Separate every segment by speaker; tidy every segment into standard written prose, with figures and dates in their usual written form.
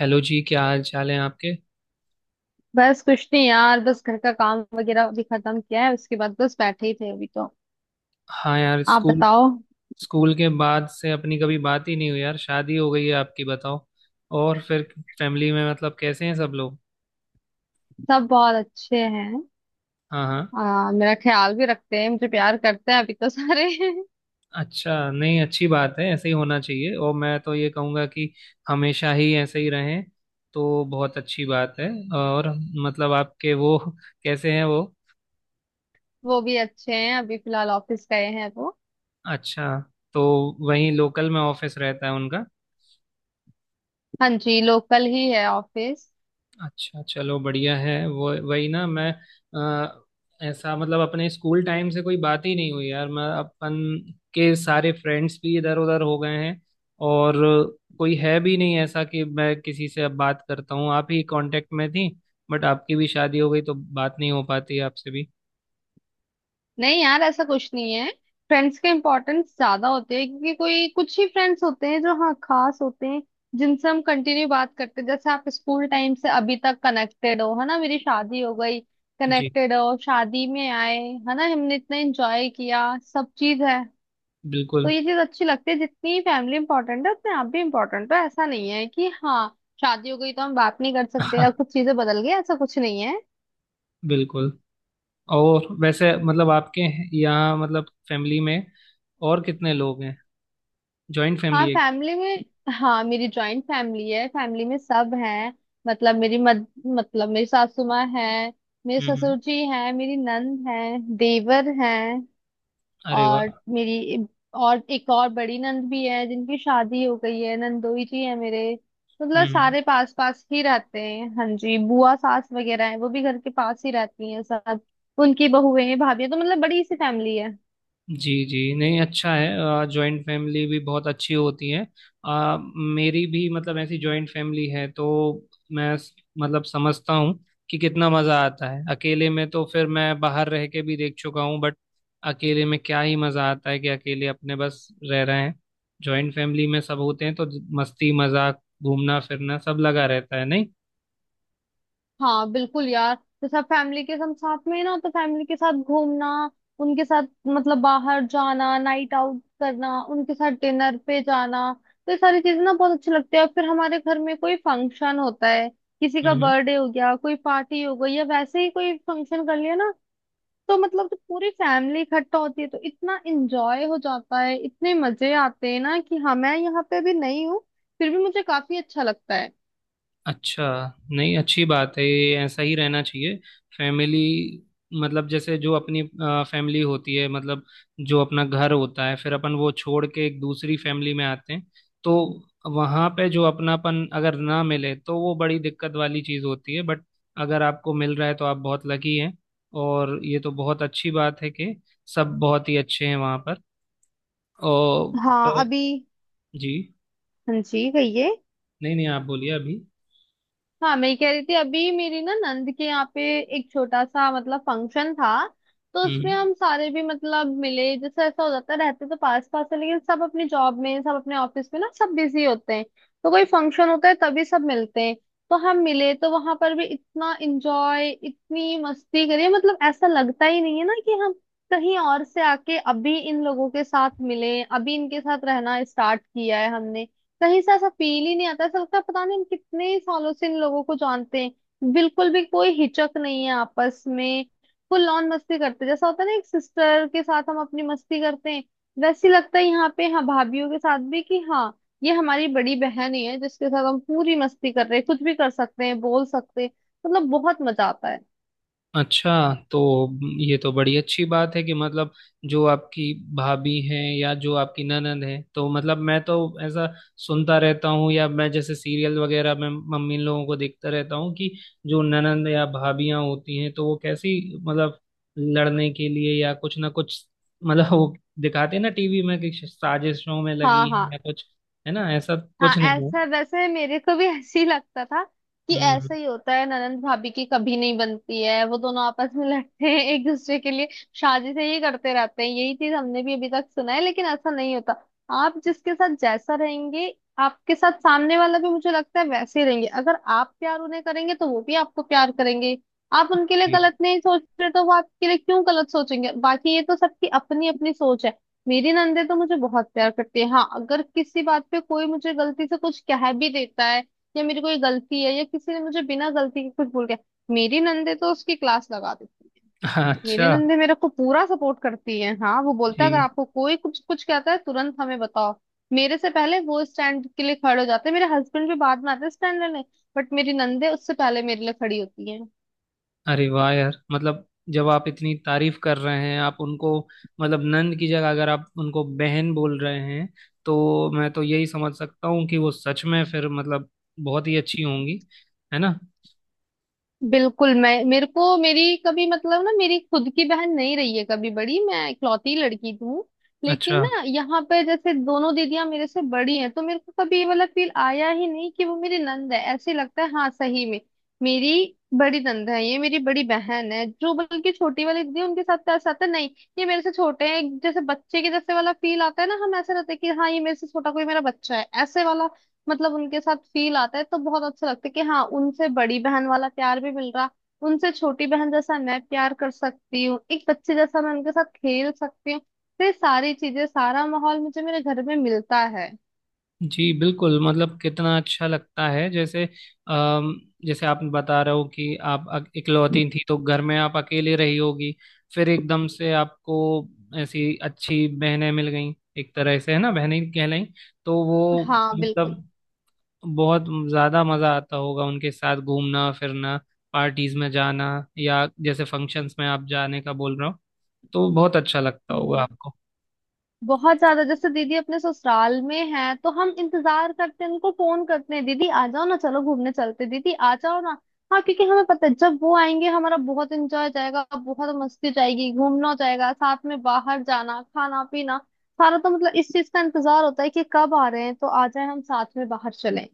Speaker 1: Hello जी क्या हाल चाल है आपके।
Speaker 2: बस कुछ नहीं यार। बस घर का काम वगैरह भी खत्म किया है, उसके बाद बस बैठे ही थे अभी तो।
Speaker 1: हाँ यार
Speaker 2: आप
Speaker 1: स्कूल।
Speaker 2: बताओ।
Speaker 1: स्कूल के बाद से अपनी कभी बात ही नहीं हुई यार। शादी हो गई है आपकी, बताओ। और फिर फैमिली में मतलब कैसे हैं सब लोग।
Speaker 2: सब बहुत अच्छे हैं।
Speaker 1: हाँ हाँ।
Speaker 2: मेरा ख्याल भी रखते हैं, मुझे प्यार करते हैं अभी तो सारे।
Speaker 1: अच्छा, नहीं अच्छी बात है, ऐसे ही होना चाहिए और मैं तो ये कहूँगा कि हमेशा ही ऐसे ही रहें तो बहुत अच्छी बात है। और मतलब आपके वो कैसे हैं वो।
Speaker 2: वो भी अच्छे हैं, अभी फिलहाल ऑफिस गए हैं वो।
Speaker 1: अच्छा, तो वहीं लोकल में ऑफिस रहता है उनका।
Speaker 2: हाँ जी, लोकल ही है ऑफिस।
Speaker 1: अच्छा चलो बढ़िया है। वो वही ना मैं अ, ऐसा मतलब अपने स्कूल टाइम से कोई बात ही नहीं हुई यार। मैं अपन के सारे फ्रेंड्स भी इधर उधर हो गए हैं और कोई है भी नहीं ऐसा कि मैं किसी से अब बात करता हूँ। आप ही कांटेक्ट में थी बट आपकी भी शादी हो गई तो बात नहीं हो पाती आपसे भी।
Speaker 2: नहीं यार, ऐसा कुछ नहीं है। फ्रेंड्स के इम्पोर्टेंस ज्यादा होते हैं, क्योंकि कोई कुछ ही फ्रेंड्स होते हैं जो हाँ खास होते हैं, जिनसे हम कंटिन्यू बात करते हैं। जैसे आप स्कूल टाइम से अभी तक कनेक्टेड हो, है ना। मेरी शादी हो गई,
Speaker 1: जी
Speaker 2: कनेक्टेड हो, शादी में आए, है ना। हमने इतना एंजॉय किया सब चीज है। तो
Speaker 1: बिल्कुल।
Speaker 2: ये चीज अच्छी लगती है, जितनी फैमिली इंपॉर्टेंट है उतने आप भी इम्पोर्टेंट हो। ऐसा नहीं है कि हाँ शादी हो गई तो हम बात नहीं कर सकते या
Speaker 1: हाँ
Speaker 2: कुछ चीजें बदल गई, ऐसा कुछ नहीं है।
Speaker 1: बिल्कुल। और वैसे मतलब आपके यहाँ मतलब फैमिली में और कितने लोग हैं, जॉइंट
Speaker 2: हाँ
Speaker 1: फैमिली है।
Speaker 2: फैमिली में, हाँ मेरी जॉइंट फैमिली है, फैमिली में सब हैं। मतलब मेरी सासू माँ है, मेरे
Speaker 1: हम्म।
Speaker 2: ससुर जी हैं, मेरी नंद है, देवर हैं,
Speaker 1: अरे वाह।
Speaker 2: और मेरी और एक और बड़ी नंद भी है जिनकी शादी हो गई है। नंदोई जी है मेरे। मतलब
Speaker 1: हम्म हम्म।
Speaker 2: सारे पास पास ही रहते हैं। हाँ जी, बुआ सास वगैरह है, वो भी घर के पास ही रहती हैं सब। उनकी बहुएं भाभी, तो मतलब बड़ी सी फैमिली है।
Speaker 1: जी जी, नहीं अच्छा है, जॉइंट फैमिली भी बहुत अच्छी होती है। मेरी भी मतलब ऐसी जॉइंट फैमिली है तो मैं मतलब समझता हूँ कि कितना मज़ा आता है। अकेले में तो फिर मैं बाहर रह के भी देख चुका हूँ बट अकेले में क्या ही मज़ा आता है कि अकेले अपने बस रह रहे हैं। जॉइंट फैमिली में सब होते हैं तो मस्ती मजाक घूमना फिरना सब लगा रहता है नहीं।
Speaker 2: हाँ बिल्कुल यार। तो सब फैमिली के हम साथ में है ना, तो फैमिली के साथ घूमना, उनके साथ मतलब बाहर जाना, नाइट आउट करना, उनके साथ डिनर पे जाना, तो ये सारी चीजें ना बहुत अच्छी लगती है। और फिर हमारे घर में कोई फंक्शन होता है, किसी
Speaker 1: हम्म
Speaker 2: का
Speaker 1: हम्म।
Speaker 2: बर्थडे हो गया, कोई पार्टी हो गई, या वैसे ही कोई फंक्शन कर लिया ना, तो मतलब जो पूरी फैमिली इकट्ठा होती है तो इतना एंजॉय हो जाता है, इतने मजे आते हैं ना कि हाँ मैं यहाँ पे अभी नहीं हूँ, फिर भी मुझे काफी अच्छा लगता है।
Speaker 1: अच्छा, नहीं अच्छी बात है ये, ऐसा ही रहना चाहिए। फैमिली मतलब जैसे जो अपनी फैमिली होती है, मतलब जो अपना घर होता है, फिर अपन वो छोड़ के एक दूसरी फैमिली में आते हैं तो वहाँ पे जो अपनापन अगर ना मिले तो वो बड़ी दिक्कत वाली चीज़ होती है। बट अगर आपको मिल रहा है तो आप बहुत लकी हैं। और ये तो बहुत अच्छी बात है कि सब बहुत ही अच्छे हैं वहाँ पर। और अ,
Speaker 2: हाँ अभी।
Speaker 1: जी।
Speaker 2: हाँ जी कहिए।
Speaker 1: नहीं नहीं आप बोलिए अभी।
Speaker 2: हाँ मैं कह रही थी, अभी मेरी ना नंद के यहाँ पे एक छोटा सा मतलब फंक्शन था, तो उसमें
Speaker 1: हम्म।
Speaker 2: हम सारे भी मतलब मिले। जैसे ऐसा हो जाता है, रहते तो पास पास है लेकिन सब अपनी जॉब में, सब अपने ऑफिस में ना, सब बिजी होते हैं। तो कोई फंक्शन होता है तभी सब मिलते हैं। तो हम मिले तो वहां पर भी इतना एंजॉय, इतनी मस्ती करी। मतलब ऐसा लगता ही नहीं है ना कि हम कहीं और से आके अभी इन लोगों के साथ मिले, अभी इनके साथ रहना स्टार्ट किया है हमने। कहीं से ऐसा फील ही नहीं आता, ऐसा लगता है पता नहीं हम कितने सालों से इन लोगों को जानते हैं, बिल्कुल भी कोई हिचक नहीं है आपस में, फुल ऑन मस्ती करते हैं। जैसा होता है ना एक सिस्टर के साथ हम अपनी मस्ती करते हैं, वैसे ही लगता है यहाँ पे हाँ भाभीियों के साथ भी, कि हाँ ये हमारी बड़ी बहन ही है जिसके साथ हम पूरी मस्ती कर रहे हैं, कुछ भी कर सकते हैं बोल सकते हैं। मतलब बहुत मजा आता है।
Speaker 1: अच्छा, तो ये तो बड़ी अच्छी बात है कि मतलब जो आपकी भाभी है या जो आपकी ननद है तो मतलब मैं तो ऐसा सुनता रहता हूँ या मैं जैसे सीरियल वगैरह में मम्मी इन लोगों को देखता रहता हूँ कि जो ननद या भाभियाँ होती हैं तो वो कैसी मतलब लड़ने के लिए या कुछ ना कुछ मतलब, वो दिखाते हैं ना टीवी में कि साजिशों में
Speaker 2: हाँ
Speaker 1: लगी है या
Speaker 2: हाँ।
Speaker 1: कुछ, है ना, ऐसा
Speaker 2: हाँ
Speaker 1: कुछ नहीं है।
Speaker 2: ऐसा वैसे मेरे को भी ऐसे ही लगता था कि
Speaker 1: हम्म।
Speaker 2: ऐसा ही होता है, ननंद भाभी की कभी नहीं बनती है, वो दोनों आपस में लड़ते हैं एक दूसरे के लिए, शादी से ही करते रहते हैं, यही चीज हमने भी अभी तक सुना है। लेकिन ऐसा नहीं होता। आप जिसके साथ जैसा रहेंगे, आपके साथ सामने वाला भी मुझे लगता है वैसे ही रहेंगे। अगर आप प्यार उन्हें करेंगे तो वो भी आपको प्यार करेंगे। आप उनके लिए
Speaker 1: जी।
Speaker 2: गलत नहीं सोच रहे तो वो आपके लिए क्यों गलत सोचेंगे। बाकी ये तो सबकी अपनी अपनी सोच है। मेरी नंदे तो मुझे बहुत प्यार करती है। हाँ अगर किसी बात पे कोई मुझे गलती से कुछ कह भी देता है, या मेरी कोई गलती है या किसी ने मुझे बिना गलती के कुछ बोल गया, मेरी नंदे तो उसकी क्लास लगा देती है। मेरी
Speaker 1: अच्छा।
Speaker 2: नंदे मेरे को पूरा सपोर्ट करती है। हाँ वो
Speaker 1: जी।
Speaker 2: बोलता है अगर आपको कोई कुछ कुछ कहता है तुरंत हमें बताओ। मेरे से पहले वो स्टैंड के लिए खड़े हो जाते हैं, मेरे हस्बैंड भी बाद में आते हैं स्टैंड लेने, बट मेरी नंदे उससे पहले मेरे लिए खड़ी होती है।
Speaker 1: अरे वाह यार, मतलब जब आप इतनी तारीफ कर रहे हैं आप उनको, मतलब नंद की जगह अगर आप उनको बहन बोल रहे हैं तो मैं तो यही समझ सकता हूँ कि वो सच में फिर मतलब बहुत ही अच्छी होंगी, है ना।
Speaker 2: बिल्कुल, मैं मेरे को मेरी कभी मतलब ना, मेरी खुद की बहन नहीं रही है कभी बड़ी, मैं इकलौती लड़की हूँ।
Speaker 1: अच्छा।
Speaker 2: लेकिन ना यहाँ पे जैसे दोनों दीदियां मेरे से बड़ी हैं, तो मेरे को कभी ये वाला फील आया ही नहीं कि वो मेरी नंद है। ऐसे लगता है हाँ सही में मेरी बड़ी नंद है, ये मेरी बड़ी बहन है। जो बल्कि छोटी वाली दीदी है, उनके साथ तो ऐसा आता है, नहीं ये मेरे से छोटे हैं, जैसे बच्चे के जैसे वाला फील आता है ना। हम ऐसे रहते हैं कि हाँ ये मेरे से छोटा कोई मेरा बच्चा है, ऐसे वाला मतलब उनके साथ फील आता है। तो बहुत अच्छा लगता है कि हाँ उनसे बड़ी बहन वाला प्यार भी मिल रहा, उनसे छोटी बहन जैसा मैं प्यार कर सकती हूँ, एक बच्चे जैसा मैं उनके साथ खेल सकती हूँ, तो ये सारी चीजें सारा माहौल मुझे मेरे घर में मिलता है।
Speaker 1: जी बिल्कुल, मतलब कितना अच्छा लगता है जैसे अम, जैसे आप बता रहे हो कि आप इकलौती थी तो घर में आप अकेले रही होगी, फिर एकदम से आपको ऐसी अच्छी बहनें मिल गई, एक तरह से है ना, बहनें कहलाई तो वो
Speaker 2: हाँ बिल्कुल।
Speaker 1: मतलब बहुत ज्यादा मजा आता होगा उनके साथ घूमना फिरना, पार्टीज में जाना, या जैसे फंक्शंस में आप जाने का बोल रहा हूँ तो बहुत अच्छा लगता होगा
Speaker 2: हम्म,
Speaker 1: आपको।
Speaker 2: बहुत ज्यादा। जैसे दीदी अपने ससुराल में है तो हम इंतजार करते हैं, उनको फोन करते हैं, दीदी आ जाओ ना, चलो घूमने चलते हैं, दीदी आ जाओ ना। हाँ क्योंकि हमें पता है जब वो आएंगे हमारा बहुत एंजॉय जाएगा, बहुत मस्ती जाएगी, घूमना हो जाएगा, साथ में बाहर जाना खाना पीना सारा। तो मतलब इस चीज का इंतजार होता है कि कब आ रहे हैं, तो आ जाए हम साथ में बाहर चलें।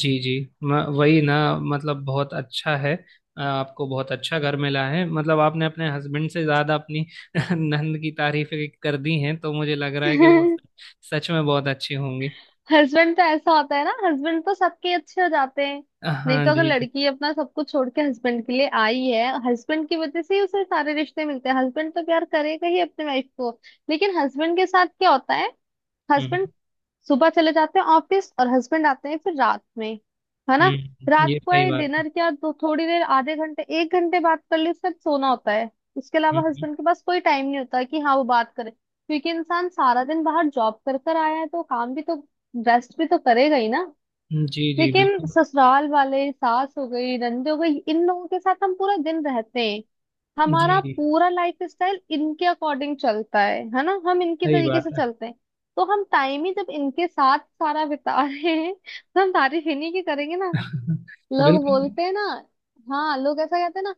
Speaker 1: जी जी, वही ना मतलब बहुत अच्छा है। आपको बहुत अच्छा घर मिला है, मतलब आपने अपने हस्बैंड से ज्यादा अपनी नंद की तारीफें कर दी हैं तो मुझे लग रहा है कि वो सच में बहुत अच्छी होंगी।
Speaker 2: हस्बैंड तो ऐसा होता है ना, हस्बैंड तो सबके अच्छे हो जाते हैं। नहीं
Speaker 1: हाँ
Speaker 2: तो अगर
Speaker 1: जी जी।
Speaker 2: लड़की अपना सब कुछ छोड़ के हस्बैंड के लिए आई है, हस्बैंड की वजह से ही उसे सारे रिश्ते मिलते हैं, हस्बैंड तो प्यार करेगा ही अपने वाइफ को। लेकिन हस्बैंड के साथ क्या होता है,
Speaker 1: हम्म।
Speaker 2: हस्बैंड सुबह चले जाते हैं ऑफिस और हस्बैंड आते हैं फिर रात में, है ना।
Speaker 1: हम्म।
Speaker 2: रात
Speaker 1: ये
Speaker 2: को
Speaker 1: सही
Speaker 2: आए,
Speaker 1: बात है।
Speaker 2: डिनर किया, तो थोड़ी देर आधे घंटे एक घंटे बात कर ली, उससे सोना होता है। उसके अलावा
Speaker 1: हम्म।
Speaker 2: हस्बैंड के पास कोई टाइम नहीं होता कि हाँ वो बात करे, क्योंकि इंसान सारा दिन बाहर जॉब कर कर आया है, तो काम भी तो, रेस्ट भी तो करेगा ही ना।
Speaker 1: जी जी
Speaker 2: लेकिन
Speaker 1: बिल्कुल।
Speaker 2: ससुराल वाले, सास हो गई नंद हो गई, इन लोगों के साथ हम पूरा दिन रहते हैं। हमारा
Speaker 1: जी
Speaker 2: पूरा लाइफ स्टाइल इनके अकॉर्डिंग चलता है ना, हम इनके
Speaker 1: सही
Speaker 2: तरीके
Speaker 1: बात
Speaker 2: से
Speaker 1: है।
Speaker 2: चलते हैं। तो हम टाइम ही जब इनके साथ सारा बिता रहे हैं तो हम तारीफ इन्हीं की करेंगे ना। लोग
Speaker 1: बिल्कुल।
Speaker 2: बोलते हैं ना, हाँ लोग ऐसा कहते हैं ना,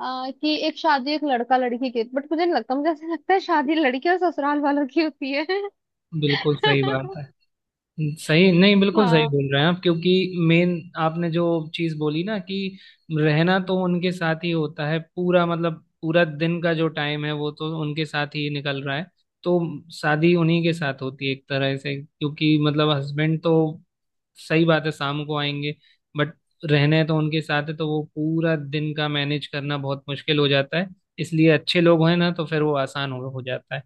Speaker 2: कि एक शादी एक लड़का लड़की की, बट मुझे नहीं लगता। मुझे ऐसा लगता है शादी लड़की और ससुराल वालों की होती है।
Speaker 1: बिल्कुल सही बात है। सही नहीं, बिल्कुल सही
Speaker 2: हाँ
Speaker 1: बोल रहे हैं आप, क्योंकि मेन आपने जो चीज बोली ना कि रहना तो उनके साथ ही होता है पूरा, मतलब पूरा दिन का जो टाइम है वो तो उनके साथ ही निकल रहा है, तो शादी उन्हीं के साथ होती है एक तरह से, क्योंकि मतलब हस्बैंड तो, सही बात है, शाम को आएंगे बट रहने तो उनके साथ है तो वो पूरा दिन का मैनेज करना बहुत मुश्किल हो जाता है, इसलिए अच्छे लोग हैं ना तो फिर वो आसान हो जाता है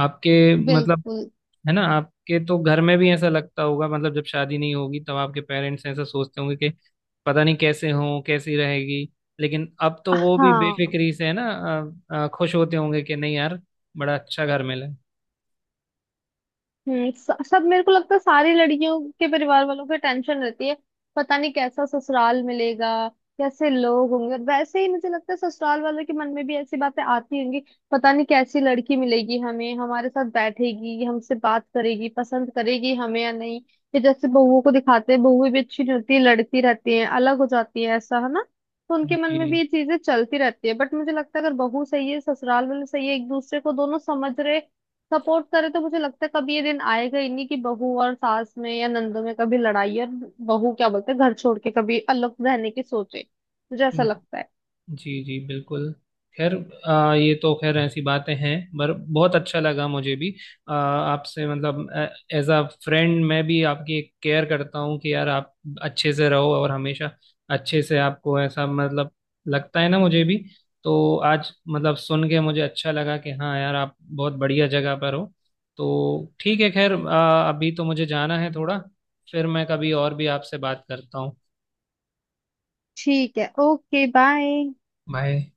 Speaker 1: आपके मतलब।
Speaker 2: बिल्कुल।
Speaker 1: है ना, आपके तो घर में भी ऐसा लगता होगा, मतलब जब शादी नहीं होगी तब आपके पेरेंट्स ऐसा सोचते होंगे कि पता नहीं कैसे हो, कैसी रहेगी, लेकिन अब तो वो भी
Speaker 2: हाँ
Speaker 1: बेफिक्री से है ना, खुश होते होंगे कि नहीं यार बड़ा अच्छा घर मिला है।
Speaker 2: हम्म। सब मेरे को लगता है सारी लड़कियों के परिवार वालों को टेंशन रहती है, पता नहीं कैसा ससुराल मिलेगा, कैसे लोग होंगे। और वैसे ही मुझे लगता है ससुराल वालों के मन में भी ऐसी बातें आती होंगी, पता नहीं कैसी लड़की मिलेगी हमें, हमारे साथ बैठेगी, हमसे बात करेगी, पसंद करेगी हमें या नहीं। ये जैसे बहुओं को दिखाते हैं, बहुएं भी अच्छी नहीं होती, लड़ती रहती हैं, अलग हो जाती है, ऐसा है ना, तो उनके मन में भी ये चीजें चलती रहती है। बट मुझे लगता है अगर बहू सही है, ससुराल वाले सही है, एक दूसरे को दोनों समझ रहे, सपोर्ट करे, तो मुझे लगता है कभी ये दिन आएगा ही नहीं कि बहू और सास में या नंदों में कभी लड़ाई, और बहू क्या बोलते हैं घर छोड़ के कभी अलग रहने की सोचे। मुझे ऐसा
Speaker 1: जी
Speaker 2: लगता है।
Speaker 1: जी। जी बिल्कुल। खैर, ये तो खैर ऐसी बातें हैं पर बहुत अच्छा लगा मुझे भी आपसे, मतलब एज अ फ्रेंड मैं भी आपकी केयर करता हूँ कि यार आप अच्छे से रहो और हमेशा अच्छे से, आपको ऐसा मतलब लगता है ना मुझे भी, तो आज मतलब सुन के मुझे अच्छा लगा कि हाँ यार आप बहुत बढ़िया जगह पर हो। तो ठीक है, खैर अभी तो मुझे जाना है थोड़ा, फिर मैं कभी और भी आपसे बात करता हूँ।
Speaker 2: ठीक है, ओके बाय।
Speaker 1: बाय।